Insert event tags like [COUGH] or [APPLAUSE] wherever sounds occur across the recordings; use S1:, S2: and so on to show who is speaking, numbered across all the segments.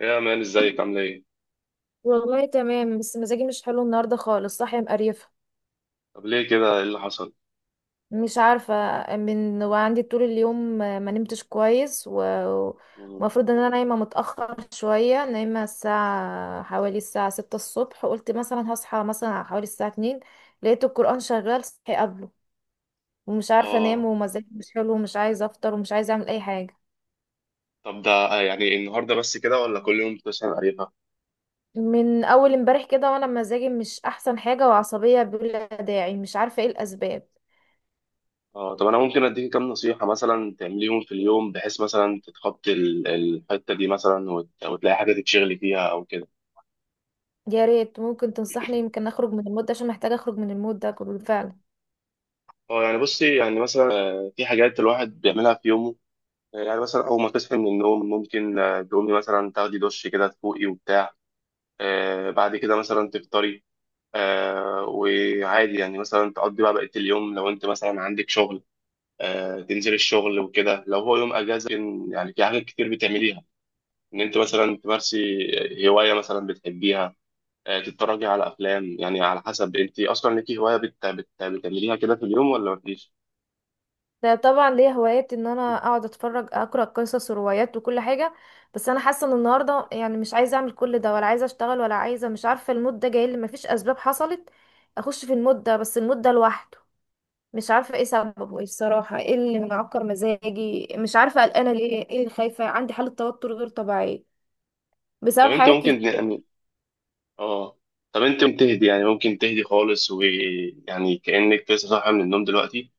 S1: يا مان، ازيك عامل ايه؟
S2: والله تمام، بس مزاجي مش حلو النهارده خالص. صاحيه مقريفه.
S1: طب ليه كده؟ ايه اللي حصل؟
S2: مش عارفه. من وعندي طول اليوم ما نمتش كويس
S1: مم.
S2: ومفروض ان انا نايمه متاخر شويه. نايمه الساعه حوالي الساعه 6 الصبح، قلت مثلا هصحى مثلا على حوالي الساعه 2. لقيت القران شغال صحي قبله، ومش عارفه انام،
S1: اه،
S2: ومزاجي مش حلو، ومش عايزه افطر، ومش عايزه اعمل اي حاجه.
S1: طب ده يعني النهارده بس كده، ولا كل يوم بتسأل قريبها؟
S2: من اول امبارح كده وانا مزاجي مش احسن حاجه، وعصبيه بلا داعي مش عارفه ايه الاسباب.
S1: اه، طب انا ممكن اديك كام نصيحة مثلا تعمليهم في اليوم، بحيث مثلا تتخطي الحتة دي، مثلا وتلاقي حاجة تتشغلي فيها او كده.
S2: يا ريت ممكن تنصحني، يمكن اخرج من المود ده، عشان محتاجه اخرج من المود ده كله فعلا.
S1: اه، يعني بصي، يعني مثلا في حاجات الواحد بيعملها في يومه. يعني مثلا اول ما تصحي من النوم، ممكن تقومي مثلا تاخدي دش كده، تفوقي وبتاع. بعد كده مثلا تفطري. وعادي، يعني مثلا تقضي بقى بقية اليوم لو انت مثلا عندك شغل. تنزل الشغل وكده. لو هو يوم اجازة، ممكن يعني في حاجات كتير بتعمليها، ان انت مثلا تمارسي هواية مثلا بتحبيها. تتفرجي على افلام، يعني على حسب انت اصلا ليكي هواية بتعمليها كده في اليوم ولا مفيش.
S2: ده طبعا ليا هوايات ان انا اقعد اتفرج اقرا قصص وروايات وكل حاجه، بس انا حاسه ان النهارده يعني مش عايزه اعمل كل ده، ولا عايزه اشتغل، ولا عايزه، مش عارفه. المود ده جاي لي مفيش اسباب حصلت. اخش في المود ده، بس المود ده لوحده مش عارفه ايه سببه، ايه الصراحه ايه اللي معكر مزاجي، مش عارفه قلقانه ليه، ايه اللي خايفه، عندي حاله توتر غير طبيعيه
S1: طب
S2: بسبب
S1: انت
S2: حاجات
S1: ممكن
S2: كتير.
S1: يعني اه طب انت ممكن تهدي، يعني ممكن تهدي خالص، ويعني كأنك لسه صاحية من النوم دلوقتي.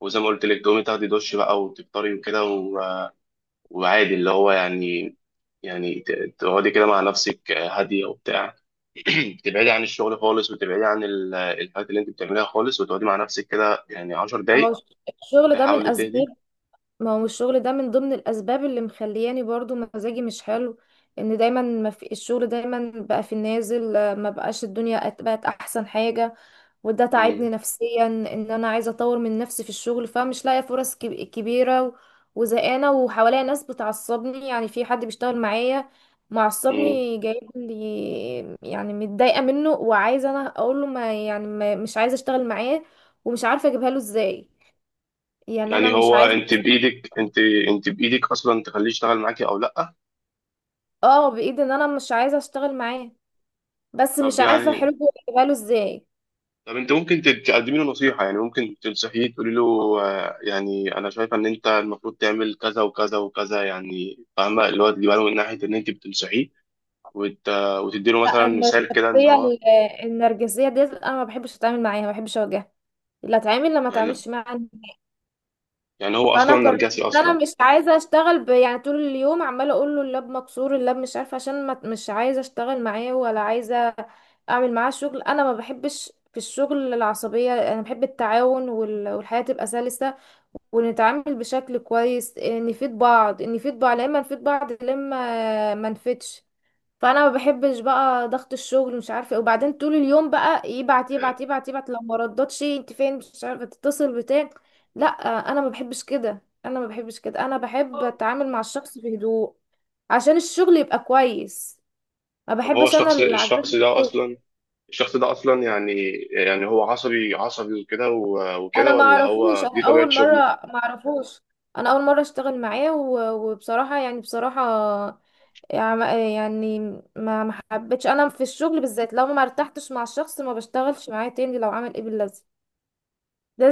S1: وزي ما قلت لك تقومي تاخدي دش بقى، وتفطري وكده. وعادي، اللي هو يعني، يعني تقعدي كده مع نفسك هادية وبتاع. [CLEARS THROAT] تبعدي عن الشغل خالص، وتبعدي عن الحاجات اللي انت بتعمليها خالص، وتقعدي مع نفسك كده يعني عشر
S2: اهو
S1: دقايق
S2: الشغل ده من
S1: تحاولي
S2: اسباب.
S1: تهدي.
S2: ما هو الشغل ده من ضمن الاسباب اللي مخلياني برضو مزاجي مش حلو. ان دايما ما في الشغل دايما بقى في النازل، ما بقاش الدنيا بقت احسن حاجة. وده تعبني
S1: مم.
S2: نفسيا ان انا عايزة اطور من نفسي في الشغل، فمش لاقية فرص كبيرة وزهقانة، وحواليا ناس بتعصبني، يعني في حد بيشتغل معايا
S1: مم.
S2: معصبني جايب لي، يعني متضايقة منه، وعايزة انا اقول له ما يعني ما مش عايزة اشتغل معاه، ومش عارفة اجيبها له ازاي. يعني انا
S1: يعني
S2: مش
S1: هو،
S2: عايزة.
S1: انت بإيدك اصلا تخليه يشتغل معاكي او لا.
S2: اه بايد ان انا مش عايزه اشتغل معاه، بس مش
S1: طب
S2: عارفه
S1: يعني
S2: حلوه اجيبها له ازاي.
S1: طب انت ممكن تقدمي له نصيحة، يعني ممكن تنصحيه، تقولي له يعني انا شايفة ان انت المفروض تعمل كذا وكذا وكذا، يعني فاهمة، اللي هو تجيبها له من ناحية ان انت بتنصحيه. وت... وتدي له
S2: لا
S1: مثلا مثال كده ان
S2: الشخصيه،
S1: هو،
S2: ال- النرجسيه ديت انا ما بحبش اتعامل معاها، ما بحبش اواجهها اللي اتعامل لما
S1: يعني
S2: اتعاملش معاها نهائي.
S1: يعني هو
S2: فانا
S1: اصلا
S2: قررت
S1: نرجسي
S2: ان انا
S1: اصلا.
S2: مش عايزه اشتغل، يعني طول اليوم عماله اقول له اللاب مكسور، اللاب مش عارفه، عشان ما... مش عايزه اشتغل معاه، ولا عايزه اعمل معاه شغل. انا ما بحبش في الشغل العصبيه، انا بحب التعاون والحياه تبقى سلسه، ونتعامل بشكل كويس. نفيد بعض نفيد بعض لما نفيد بعض لما ما نفيدش. فانا ما بحبش بقى ضغط الشغل مش عارفه إيه. وبعدين طول اليوم بقى يبعت يبعت يبعت يبعت، لو ما ردتش انت فين مش عارفه تتصل بتاع. لا، انا ما بحبش كده، انا ما بحبش كده، انا بحب اتعامل مع الشخص بهدوء عشان الشغل يبقى كويس، ما
S1: طب هو
S2: بحبش انا
S1: الشخص
S2: اللي
S1: الشخص
S2: عجبت
S1: ده
S2: الشغل.
S1: اصلا، الشخص ده اصلا يعني يعني هو عصبي، عصبي وكده وكده،
S2: انا ما
S1: ولا
S2: اعرفوش،
S1: هو دي
S2: انا
S1: طبيعة
S2: اول مره
S1: شغله؟
S2: ما اعرفوش، انا اول مره اشتغل معاه وبصراحه، يعني بصراحه، يعني ما حبيتش انا في الشغل بالذات لو ما ارتحتش مع الشخص ما بشتغلش معاه تاني لو عمل ايه باللازم.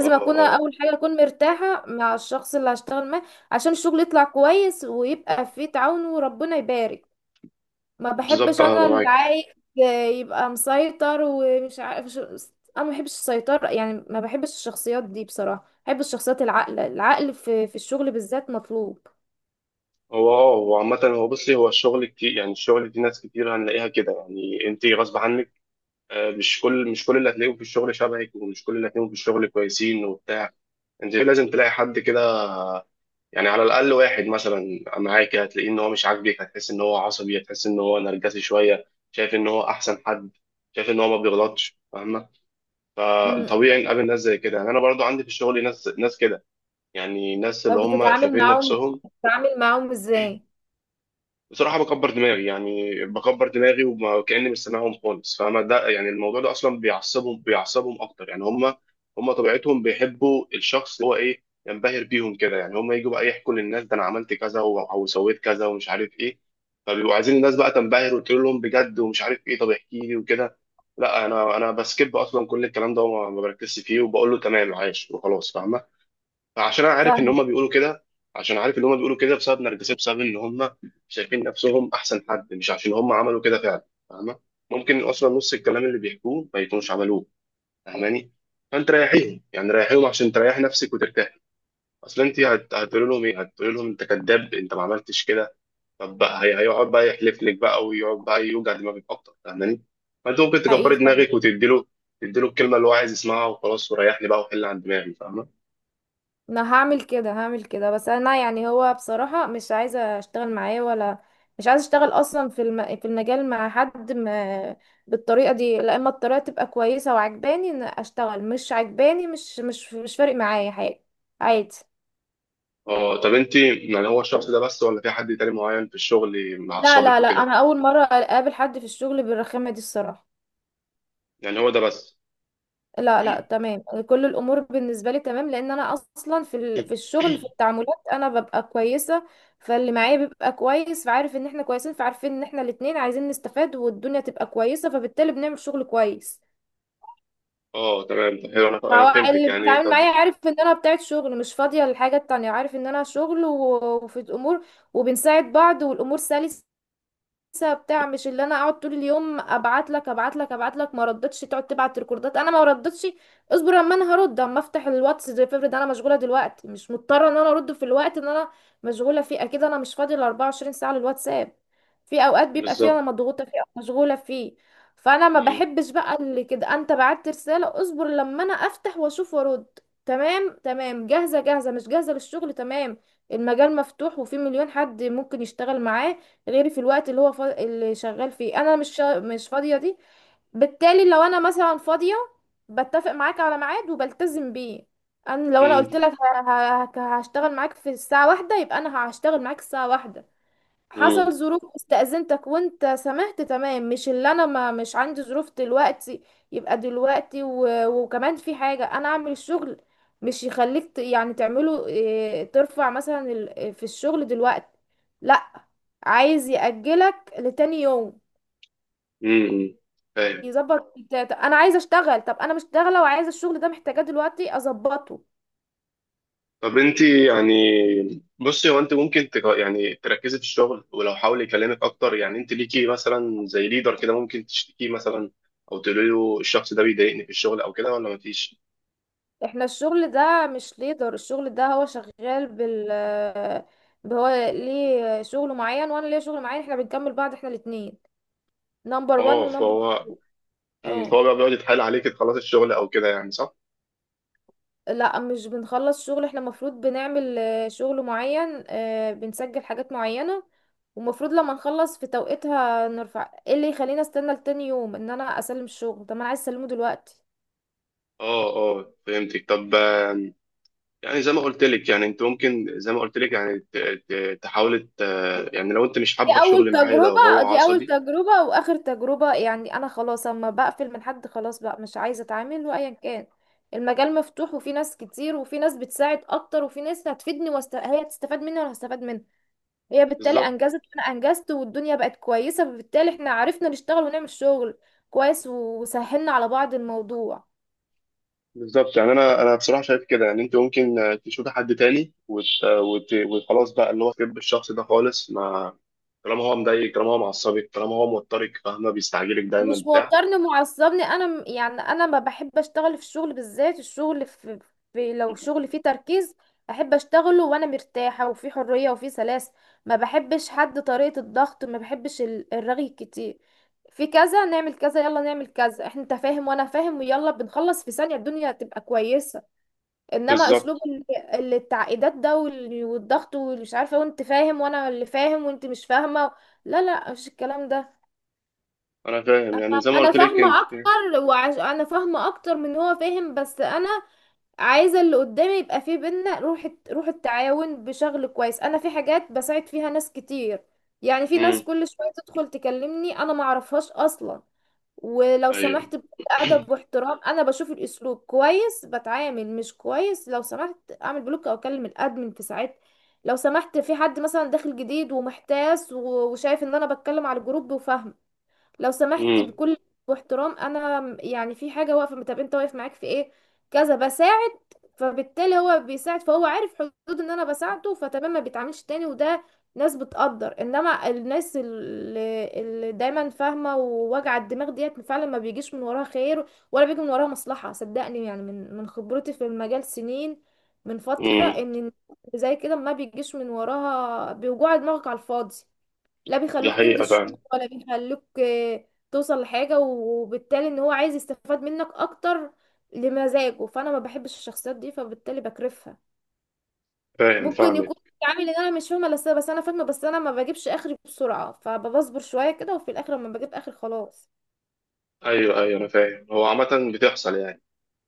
S1: اه،
S2: اكون
S1: اه،
S2: اول حاجه اكون مرتاحه مع الشخص اللي هشتغل معاه عشان الشغل يطلع كويس، ويبقى فيه تعاون، وربنا يبارك. ما
S1: بالظبط،
S2: بحبش
S1: انا
S2: انا اللي
S1: معاك.
S2: عايز يبقى مسيطر ومش عارف انا ما بحبش السيطره، يعني ما بحبش الشخصيات دي بصراحه، بحب الشخصيات العاقله، العقل في في الشغل بالذات مطلوب.
S1: هو اه هو عامة هو بصي هو الشغل كتير، يعني الشغل دي ناس كتير هنلاقيها كده، يعني انت غصب عنك. مش كل اللي هتلاقيهم في الشغل شبهك، ومش كل اللي هتلاقيهم في الشغل كويسين وبتاع. انت لازم تلاقي حد كده. يعني على الاقل واحد مثلا معاك هتلاقيه ان هو مش عاجبك، هتحس ان هو عصبي، هتحس ان هو نرجسي شويه، شايف ان هو احسن حد، شايف ان هو ما بيغلطش، فاهمه.
S2: امم.
S1: طبيعي نقابل ناس زي كده، يعني انا برضو عندي في الشغل ناس، ناس كده. يعني ناس اللي
S2: طب
S1: هم
S2: بتتعامل
S1: شايفين
S2: معاهم
S1: نفسهم.
S2: بتتعامل معاهم ازاي؟
S1: بصراحة بكبر دماغي، يعني بكبر دماغي وكأني مش سامعهم خالص، فاهمة ده؟ يعني الموضوع ده أصلا بيعصبهم، بيعصبهم أكتر. يعني هم طبيعتهم بيحبوا الشخص اللي هو إيه، ينبهر بيهم كده. يعني هم يجوا بقى يحكوا للناس، ده أنا عملت كذا أو سويت كذا ومش عارف إيه. فبيبقوا عايزين الناس بقى تنبهر وتقول لهم بجد ومش عارف إيه، طب احكي لي وكده. لا، أنا بسكيب أصلا كل الكلام ده، وما ما بركزش فيه، وبقول له تمام عايش وخلاص، فاهمة؟ عشان انا عارف ان هم بيقولوا كده، عشان عارف ان هم بيقولوا كده بسبب نرجسي، بسبب ان هم شايفين نفسهم احسن حد، مش عشان هم عملوا كده فعلا، فاهمه؟ ممكن اصلا نص الكلام اللي بيحكوه ما يكونوش عملوه، فاهماني؟ فانت ريحيهم، يعني ريحيهم عشان تريح نفسك وترتاح. اصل انت هتقول لهم ايه؟ هتقول لهم انت كذاب، انت ما عملتش كده؟ طب بقى هيقعد بقى يحلف لك بقى، ويقعد بقى يوجع دماغك اكتر، فاهماني؟ فانت ممكن
S2: حقيقي
S1: تكبري
S2: فعلا.
S1: دماغك وتديله الكلمه اللي هو عايز يسمعها، وخلاص وريحني بقى وحل عن دماغي، فاهمه؟
S2: انا هعمل كده هعمل كده، بس انا يعني هو بصراحة مش عايزة اشتغل معاه، ولا مش عايزة اشتغل اصلا في في المجال مع حد، ما... بالطريقة دي. لا، اما الطريقة تبقى كويسة وعجباني ان اشتغل، مش عجباني مش فارق معايا حاجة. عادي.
S1: اه، طب انت يعني هو الشخص ده بس، ولا في حد تاني معين في الشغل
S2: لا
S1: معصبك
S2: لا لا،
S1: وكده؟
S2: انا اول مرة اقابل حد في الشغل بالرخامة دي الصراحة.
S1: يعني هو ده بس.
S2: لا لا
S1: [CLEARS THROAT]
S2: تمام. كل الامور بالنسبه لي تمام لان انا اصلا في في الشغل في التعاملات انا ببقى كويسه، فاللي معايا بيبقى كويس، فعارف ان احنا كويسين، فعارفين ان احنا الاتنين عايزين نستفاد، والدنيا تبقى كويسه، فبالتالي بنعمل شغل كويس.
S1: اه، تمام، طب حلو، انا
S2: فهو
S1: فهمتك
S2: اللي
S1: يعني.
S2: بيتعامل
S1: طب
S2: معايا عارف ان انا بتاعت شغل مش فاضيه للحاجه التانية، عارف ان انا شغل وفي الامور، وبنساعد بعض، والامور سلسه لسه بتاع. مش اللي انا اقعد طول اليوم ابعت لك ابعت لك ابعت لك، ما ردتش تقعد تبعت ريكوردات، انا ما ردتش اصبر اما انا هرد، اما افتح الواتس زي فيفرد. انا مشغوله دلوقتي، مش مضطره ان انا ارد في الوقت ان انا مشغوله فيه. اكيد انا مش فاضيه ال 24 ساعه للواتساب. في اوقات بيبقى فيها
S1: بالظبط.
S2: انا مضغوطه فيه او مشغوله فيه. فانا ما
S1: مم.
S2: بحبش بقى اللي كده انت بعت رساله اصبر لما انا افتح واشوف وارد. تمام تمام، جاهزه جاهزه، مش جاهزه للشغل، تمام. المجال مفتوح، وفي مليون حد ممكن يشتغل معاه غير في الوقت اللي هو اللي شغال فيه انا مش مش فاضية دي. بالتالي لو انا مثلا فاضية، بتفق معاك على ميعاد وبلتزم بيه. انا لو انا قلت
S1: مم.
S2: لك هشتغل معاك في الساعة واحدة، يبقى انا هشتغل معاك الساعة واحدة.
S1: مم.
S2: حصل ظروف استأذنتك وانت سمحت تمام، مش اللي انا ما مش عندي ظروف دلوقتي يبقى دلوقتي، وكمان في حاجة انا اعمل الشغل مش يخليك يعني تعمله إيه، ترفع مثلا في الشغل دلوقتي. لا، عايز يأجلك لتاني يوم،
S1: مم. فاهم.
S2: يظبط انا عايزه اشتغل، طب انا مش شغاله، وعايزه الشغل ده محتاجاه دلوقتي اظبطه.
S1: طب انت يعني، بصي هو، انت ممكن يعني تركزي في الشغل، ولو حاول يكلمك اكتر، يعني انت ليكي مثلا زي ليدر كده، ممكن تشتكيه مثلا، او تقولي له الشخص ده بيضايقني في الشغل او كده، ولا مفيش.
S2: احنا الشغل ده مش ليدر، الشغل ده هو شغال بال، هو ليه شغل معين وانا ليا شغل معين، احنا بنكمل بعض، احنا الاتنين نمبر وان
S1: اه
S2: ونمبر
S1: فهو.
S2: تو.
S1: مم.
S2: اه
S1: فهو بقى بيقعد يتحايل عليك تخلصي الشغل او كده، يعني صح؟
S2: لا مش بنخلص شغل، احنا المفروض بنعمل شغل معين، بنسجل حاجات معينة، ومفروض لما نخلص في توقيتها نرفع، ايه اللي يخليني استنى لتاني يوم ان انا اسلم الشغل، طب ما انا عايز اسلمه دلوقتي.
S1: اه، اه، فهمتك. طب يعني زي ما قلت لك، يعني انت ممكن، زي ما قلت لك يعني تحاول، يعني لو انت مش
S2: دي
S1: حابه
S2: اول
S1: الشغل معايا ده، وهو
S2: تجربة، دي اول
S1: عصبي.
S2: تجربة واخر تجربة، يعني انا خلاص اما بقفل من حد خلاص بقى مش عايزة اتعامل وايا كان. المجال مفتوح، وفي ناس كتير، وفي ناس بتساعد اكتر، وفي ناس هتفيدني، هي هتستفاد مني وانا هستفاد منها. هي بالتالي
S1: بالظبط.
S2: انجزت وانا انجزت، والدنيا بقت كويسة، فبالتالي احنا عرفنا نشتغل ونعمل شغل كويس، وسهلنا على بعض الموضوع.
S1: بالظبط. يعني انا بصراحه شايف كده، يعني انت ممكن تشوفي حد تاني وخلاص بقى، اللي هو تحب الشخص ده خالص ما، طالما هو مضايقك، طالما هو معصبك، طالما هو موترك، فاهمه، بيستعجلك دايما
S2: مش
S1: بتاع
S2: موترني معصبني، انا يعني انا ما بحب اشتغل في الشغل بالذات. الشغل في، في لو شغل فيه تركيز احب اشتغله وانا مرتاحه، وفي حريه، وفي سلاسه. ما بحبش حد طريقه الضغط، ما بحبش الرغي كتير في كذا نعمل كذا يلا نعمل كذا، احنا انت فاهم وانا فاهم ويلا بنخلص في ثانيه الدنيا تبقى كويسه. انما
S1: بالظبط،
S2: اسلوب التعقيدات ده والضغط واللي مش عارفه وانت فاهم وانا اللي فاهم وانت مش فاهمه. لا لا مش الكلام ده.
S1: انا فاهم، يعني زي ما
S2: انا
S1: قلت لك
S2: فاهمه
S1: انت.
S2: اكتر، انا فاهمه اكتر من هو فاهم، بس انا عايزه اللي قدامي يبقى فيه بينا روح روح التعاون بشغل كويس. انا في حاجات بساعد فيها ناس كتير، يعني في ناس
S1: امم.
S2: كل شويه تدخل تكلمني انا ما اعرفهاش اصلا، ولو
S1: ايوه.
S2: سمحت بأدب
S1: [CLEARS THROAT]
S2: واحترام، انا بشوف الاسلوب كويس بتعامل، مش كويس لو سمحت اعمل بلوك او اكلم الادمن. في ساعات لو سمحت في حد مثلا داخل جديد ومحتاس وشايف ان انا بتكلم على الجروب وفاهمه لو سمحت
S1: امم.
S2: بكل واحترام، انا يعني في حاجه واقفه طب انت واقف معاك في ايه كذا بساعد، فبالتالي هو بيساعد، فهو عارف حدود ان انا بساعده فتمام، ما بيتعاملش تاني. وده ناس بتقدر، انما الناس اللي دايما فاهمه ووجع الدماغ ديت فعلا ما بيجيش من وراها خير ولا بيجي من وراها مصلحه، صدقني. يعني من خبرتي في المجال سنين من فتره
S1: امم.
S2: ان زي كده ما بيجيش من وراها، بيوجع دماغك على الفاضي، لا
S1: دي
S2: بيخلوك
S1: حقيقه
S2: تنجز شغل
S1: فعلا.
S2: ولا بيخلوك توصل لحاجة، وبالتالي ان هو عايز يستفاد منك اكتر لمزاجه، فانا ما بحبش الشخصيات دي فبالتالي بكرفها.
S1: فاهم،
S2: ممكن
S1: فاهمك.
S2: يكون عامل ان انا مش فاهمة، بس انا فاهمة، بس انا ما بجيبش اخري بسرعة فبصبر شوية كده، وفي الاخر لما بجيب اخر خلاص.
S1: ايوه، ايوه، انا فاهم. هو عامة بتحصل يعني،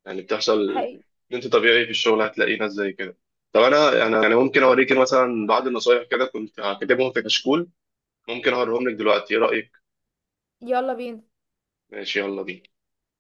S1: يعني بتحصل
S2: حقيقي
S1: ان انت طبيعي في الشغل هتلاقي ناس زي كده. طب انا يعني ممكن اوريك مثلا بعض النصايح، كده كنت كاتبهم في كشكول. ممكن اوريهم لك دلوقتي، ايه رأيك؟
S2: يلا بينا.
S1: ماشي، يلا بينا.